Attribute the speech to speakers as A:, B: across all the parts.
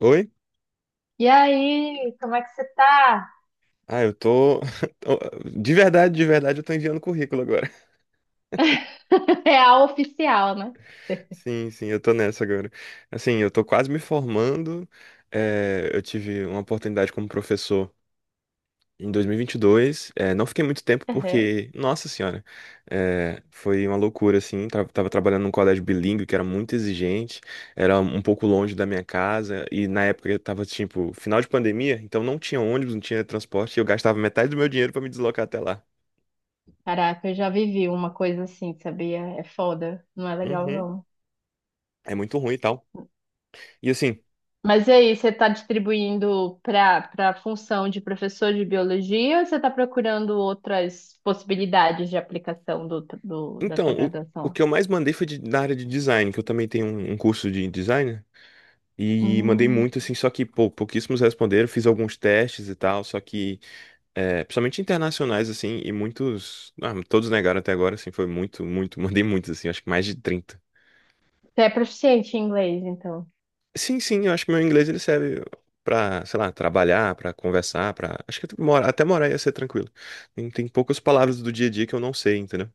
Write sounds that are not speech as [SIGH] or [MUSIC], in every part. A: Oi?
B: E aí, como é que você tá?
A: Ah, eu tô. [LAUGHS] tô- de verdade, eu tô enviando currículo agora.
B: [LAUGHS] É a oficial, né?
A: [LAUGHS] Sim, sim, eu tô nessa agora. Assim, eu tô quase me formando. É, eu tive uma oportunidade como professor em 2022. É, não fiquei muito tempo
B: Uhum.
A: porque, nossa senhora, foi uma loucura, assim. Tava trabalhando num colégio bilíngue que era muito exigente, era um pouco longe da minha casa. E na época eu tava, tipo, final de pandemia, então não tinha ônibus, não tinha transporte. E eu gastava metade do meu dinheiro pra me deslocar até lá.
B: Caraca, eu já vivi uma coisa assim, sabia? É foda, não é legal
A: Uhum.
B: não.
A: É muito ruim e tal. E assim,
B: Mas e aí, você tá distribuindo para a função de professor de biologia ou você tá procurando outras possibilidades de aplicação da tua
A: então, o
B: graduação?
A: que eu mais mandei foi na área de design, que eu também tenho um curso de design, né? E mandei
B: Hum,
A: muito, assim, só que, pô, pouquíssimos responderam. Fiz alguns testes e tal, só que, é, principalmente internacionais, assim, e muitos. Ah, todos negaram até agora, assim, foi muito, muito. [LAUGHS] Mandei muitos, assim, acho que mais de 30.
B: você é proficiente em inglês, então.
A: Sim, sim, eu acho que meu inglês ele serve pra, sei lá, trabalhar, pra conversar, pra. Acho que mora, até morar ia ser tranquilo. Tem, tem poucas palavras do dia a dia que eu não sei, entendeu?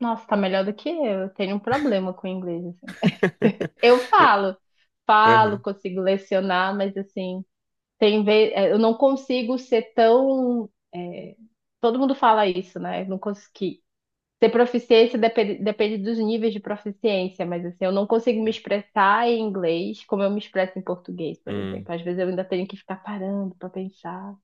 B: Nossa, tá melhor do que eu. Eu tenho um problema com inglês, assim.
A: [LAUGHS]
B: Eu falo, falo,
A: Aham.
B: consigo lecionar, mas assim, tem vez, eu não consigo ser tão. Todo mundo fala isso, né? Eu não consegui ter proficiência. Depende, depende dos níveis de proficiência, mas assim, eu não consigo me expressar em inglês como eu me expresso em português, por
A: Hum.
B: exemplo. Às vezes eu ainda tenho que ficar parando para pensar.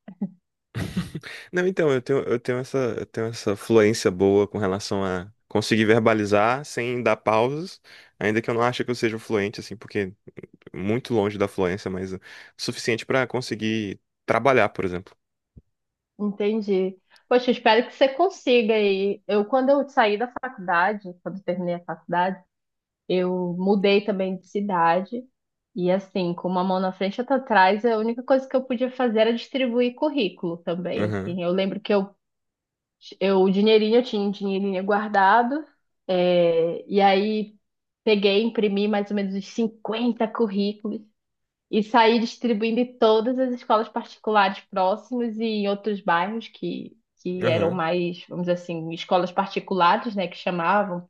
A: Não, então, eu tenho essa fluência boa com relação a conseguir verbalizar sem dar pausas, ainda que eu não ache que eu seja fluente, assim, porque muito longe da fluência, mas o suficiente para conseguir trabalhar, por exemplo.
B: Entendi. Poxa, eu espero que você consiga aí. Eu, quando eu saí da faculdade, Quando eu terminei a faculdade, eu mudei também de cidade. E assim, com uma mão na frente e outra atrás, a única coisa que eu podia fazer era distribuir currículo também,
A: Aham,
B: assim. Eu lembro que eu o dinheirinho, Eu tinha um dinheirinho guardado, e aí peguei, imprimi mais ou menos uns 50 currículos e saí distribuindo em todas as escolas particulares próximas e em outros bairros que eram
A: aham,
B: mais, vamos dizer assim, escolas particulares, né, que chamavam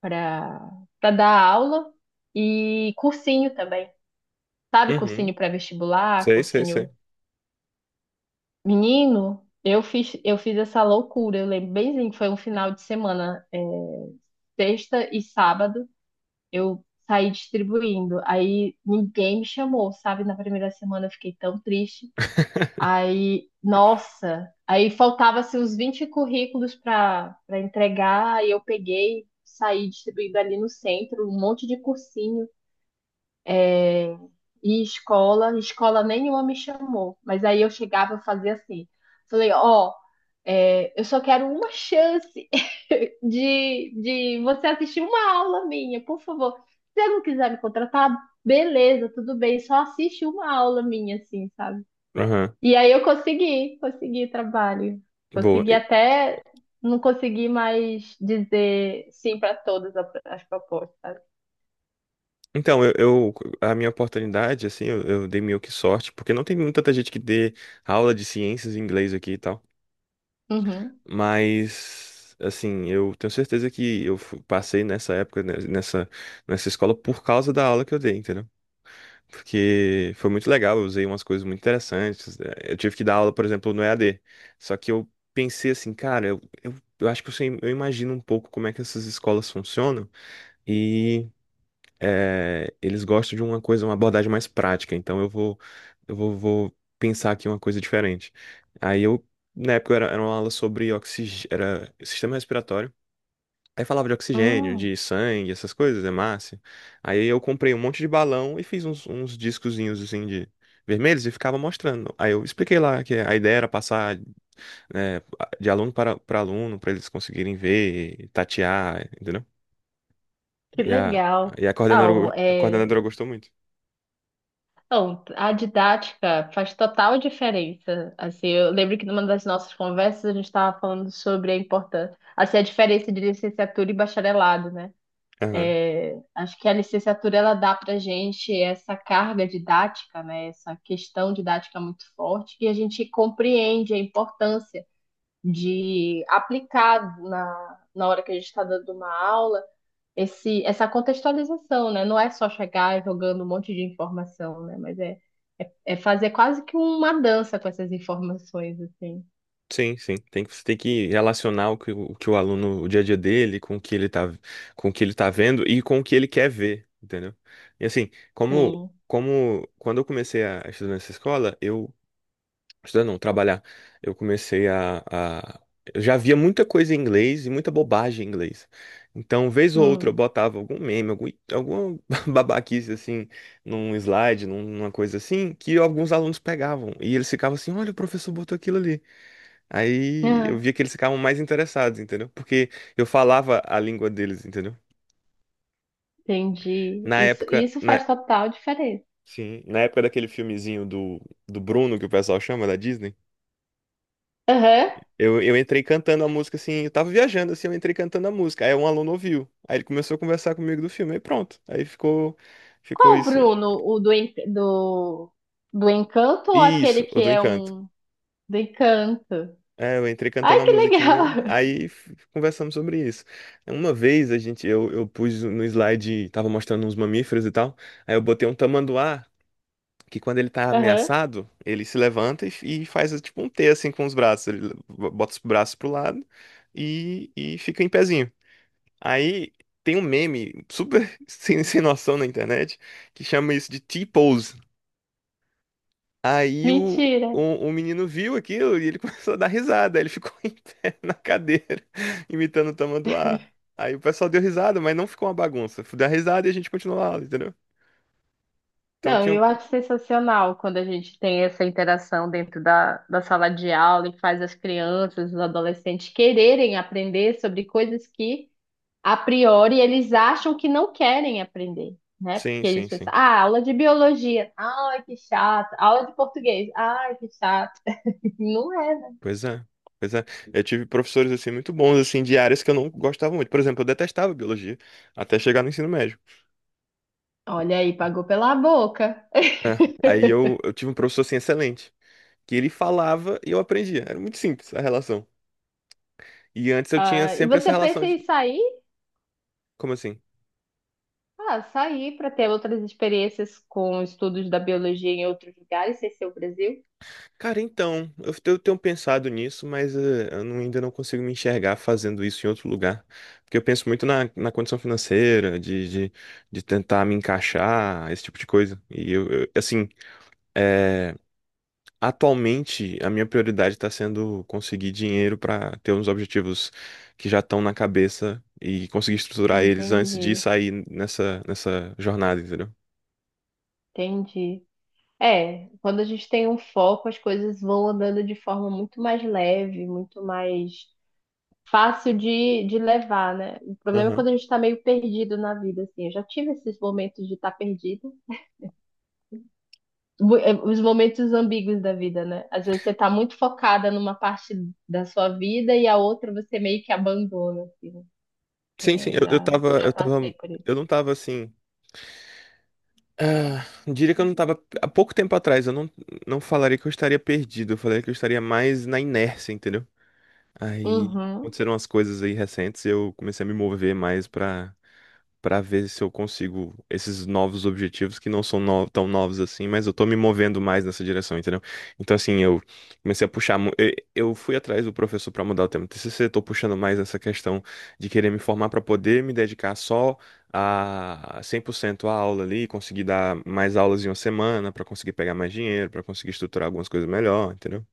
B: para para dar aula e cursinho também. Sabe,
A: uhum.
B: cursinho pré-vestibular,
A: Sei, sei,
B: cursinho
A: sei.
B: menino, eu fiz essa loucura, eu lembro bemzinho, que foi um final de semana, sexta e sábado, eu saí distribuindo. Aí ninguém me chamou, sabe? Na primeira semana eu fiquei tão triste.
A: [LAUGHS]
B: Aí, nossa, aí faltava assim, uns 20 currículos para entregar, aí eu peguei, saí distribuindo ali no centro, um monte de cursinho. E escola nenhuma me chamou. Mas aí eu chegava e fazia assim. Falei, ó, eu só quero uma chance [LAUGHS] de você assistir uma aula minha, por favor. Se você não quiser me contratar, beleza, tudo bem, só assiste uma aula minha, assim, sabe?
A: Aham,
B: E aí eu consegui trabalho.
A: boa.
B: Consegui até, não consegui mais dizer sim para as propostas, sabe?
A: Então, eu, eu- a minha oportunidade, assim, eu dei meio que sorte, porque não tem muita gente que dê aula de ciências em inglês aqui e tal.
B: Uhum.
A: Mas, assim, eu tenho certeza que eu passei nessa época, né, nessa escola, por causa da aula que eu dei, entendeu? Porque foi muito legal, eu usei umas coisas muito interessantes, né? Eu tive que dar aula, por exemplo, no EAD. Só que eu pensei assim, cara, eu acho que eu, sei, eu imagino um pouco como é que essas escolas funcionam. É, eles gostam de uma coisa, uma abordagem mais prática. Então vou pensar aqui uma coisa diferente. Aí eu, Na época, era uma aula sobre era sistema respiratório. Aí falava de oxigênio,
B: Hum,
A: de sangue, essas coisas, hemácia. Aí eu comprei um monte de balão e fiz uns discozinhos assim de vermelhos e ficava mostrando. Aí eu expliquei lá que a ideia era passar, né, de aluno para, para aluno, para eles conseguirem ver, tatear, entendeu?
B: que
A: E a,
B: legal.
A: e
B: Não,
A: a
B: é.
A: coordenadora gostou muito.
B: Então, a didática faz total diferença. Assim, eu lembro que numa das nossas conversas a gente estava falando sobre a importância, assim, a diferença de licenciatura e bacharelado, né? É, acho que a licenciatura ela dá para gente essa carga didática, né? Essa questão didática muito forte que a gente compreende a importância de aplicar na hora que a gente está dando uma aula esse, essa contextualização, né? Não é só chegar jogando um monte de informação, né? Mas é fazer quase que uma dança com essas informações, assim.
A: Sim, sim. Tem que, você tem que relacionar o que o que o aluno, o dia a dia dele, com o que ele tá, com o que ele tá vendo e com o que ele quer ver, entendeu? E assim, como,
B: Sim.
A: como quando eu comecei a estudar nessa escola, eu, estudar não, trabalhar, eu comecei eu já via muita coisa em inglês e muita bobagem em inglês. Então, vez ou outra, eu
B: Hum.
A: botava algum meme, algum, alguma [LAUGHS] babaquice assim, num slide, numa coisa assim, que alguns alunos pegavam. E eles ficavam assim, olha, o professor botou aquilo ali. Aí eu
B: Ah,
A: via que eles ficavam mais interessados, entendeu? Porque eu falava a língua deles, entendeu?
B: entendi.
A: Na
B: Isso,
A: época,
B: isso
A: na,
B: faz total diferença.
A: sim, na época daquele filmezinho do, do Bruno, que o pessoal chama, da Disney,
B: Aham.
A: eu entrei cantando a música assim, eu tava viajando assim, eu entrei cantando a música. Aí um aluno ouviu, aí ele começou a conversar comigo do filme, aí pronto. Ficou
B: Qual,
A: isso.
B: Bruno? O do, en- do, Do Encanto ou aquele
A: Isso,
B: que
A: o do
B: é
A: Encanto.
B: um do Encanto?
A: É, eu entrei cantando
B: Ai,
A: a
B: que
A: musiquinha,
B: legal!
A: aí conversamos sobre isso. Uma vez a gente, eu pus no slide, tava mostrando uns mamíferos e tal, aí eu botei um tamanduá, que quando ele tá
B: [LAUGHS] Aham.
A: ameaçado, ele se levanta e, e faz tipo um T assim com os braços, ele bota os braços pro lado e fica em pezinho. Aí tem um meme super [LAUGHS] sem, sem noção na internet que chama isso de T-pose. Aí o,
B: Mentira.
A: o, o menino viu aquilo e ele [LAUGHS] começou a dar risada. Ele ficou [LAUGHS] em pé na cadeira, [LAUGHS] imitando o tamanduá. Aí o pessoal deu risada, mas não ficou uma bagunça. Deu risada e a gente continuou a aula, entendeu? Então
B: Não,
A: tinha.
B: eu acho sensacional quando a gente tem essa interação dentro da sala de aula e faz as crianças, os adolescentes quererem aprender sobre coisas que a priori, eles acham que não querem aprender, né?
A: Sim,
B: Porque eles
A: sim,
B: pensam,
A: sim.
B: ah, aula de biologia, ai, que chato. Aula de português, ai, que chato. [LAUGHS] Não é, né?
A: Pois é. Pois é. Eu tive professores assim muito bons, assim, de áreas que eu não gostava muito. Por exemplo, eu detestava biologia até chegar no ensino médio.
B: Olha aí, pagou pela boca.
A: É. Eu tive um professor assim excelente, que ele falava e eu aprendia. Era muito simples a relação. E antes eu tinha
B: Ah, e
A: sempre essa
B: você
A: relação
B: pensa
A: de.
B: em sair?
A: Como assim?
B: Ah, sair para ter outras experiências com estudos da biologia em outros lugares, sem ser o Brasil?
A: Cara, então, eu tenho pensado nisso, mas eu não- ainda não consigo me enxergar fazendo isso em outro lugar. Porque eu penso muito na condição financeira, de tentar me encaixar, esse tipo de coisa. E assim, eh, atualmente a minha prioridade está sendo conseguir dinheiro para ter uns objetivos que já estão na cabeça e conseguir estruturar eles antes
B: Entendi,
A: de sair nessa, nessa jornada, entendeu?
B: entendi. É, quando a gente tem um foco, as coisas vão andando de forma muito mais leve, muito mais fácil de levar, né? O problema é
A: Aham.
B: quando a gente tá meio perdido na vida, assim. Eu já tive esses momentos de estar tá perdido, os momentos ambíguos da vida, né? Às vezes você tá muito focada numa parte da sua vida e a outra você meio que abandona, assim. Né?
A: Sim, sim,
B: É, já, já
A: eu
B: passei
A: tava,
B: por isso.
A: eu não tava assim. Ah, diria que eu não tava. Há pouco tempo atrás, eu não, não falaria que eu estaria perdido. Eu falaria que eu estaria mais na inércia, entendeu? Aí
B: Uhum.
A: aconteceram umas coisas aí recentes e eu comecei a me mover mais pra para ver se eu consigo esses novos objetivos que não são tão novos assim, mas eu tô me movendo mais nessa direção, entendeu? Então, assim, eu comecei a puxar. Eu fui atrás do professor para mudar o tema do TCC, tô puxando mais essa questão de querer me formar para poder me dedicar só a 100% à aula ali, conseguir dar mais aulas em uma semana, para conseguir pegar mais dinheiro, para conseguir estruturar algumas coisas melhor, entendeu?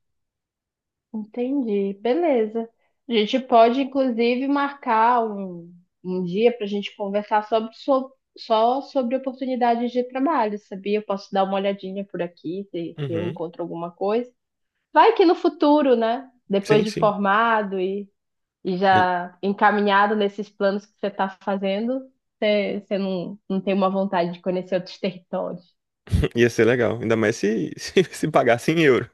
B: Entendi, beleza. A gente pode, inclusive, marcar um dia para a gente conversar sobre, só sobre oportunidades de trabalho, sabia? Eu posso dar uma olhadinha por aqui, se eu
A: Uhum.
B: encontro alguma coisa. Vai que no futuro, né? Depois
A: Sim,
B: de
A: sim.
B: formado e
A: Aí,
B: já encaminhado nesses planos que você está fazendo, você não tem uma vontade de conhecer outros [LAUGHS] territórios.
A: [LAUGHS] [CLEARS THROAT] ia ser legal, ainda mais se, [LAUGHS] se pagasse em euro.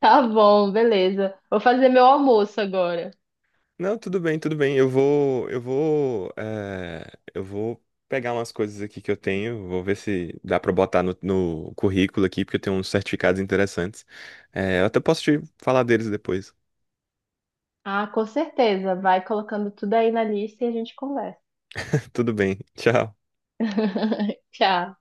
B: Tá bom, beleza. Vou fazer meu almoço agora.
A: Não, tudo bem, tudo bem. Eu vou pegar umas coisas aqui que eu tenho, vou ver se dá pra botar no, no currículo aqui, porque eu tenho uns certificados interessantes. Eh, eu até posso te falar deles depois.
B: Ah, com certeza. Vai colocando tudo aí na lista e a gente conversa.
A: [LAUGHS] Tudo bem, tchau.
B: [LAUGHS] Tchau.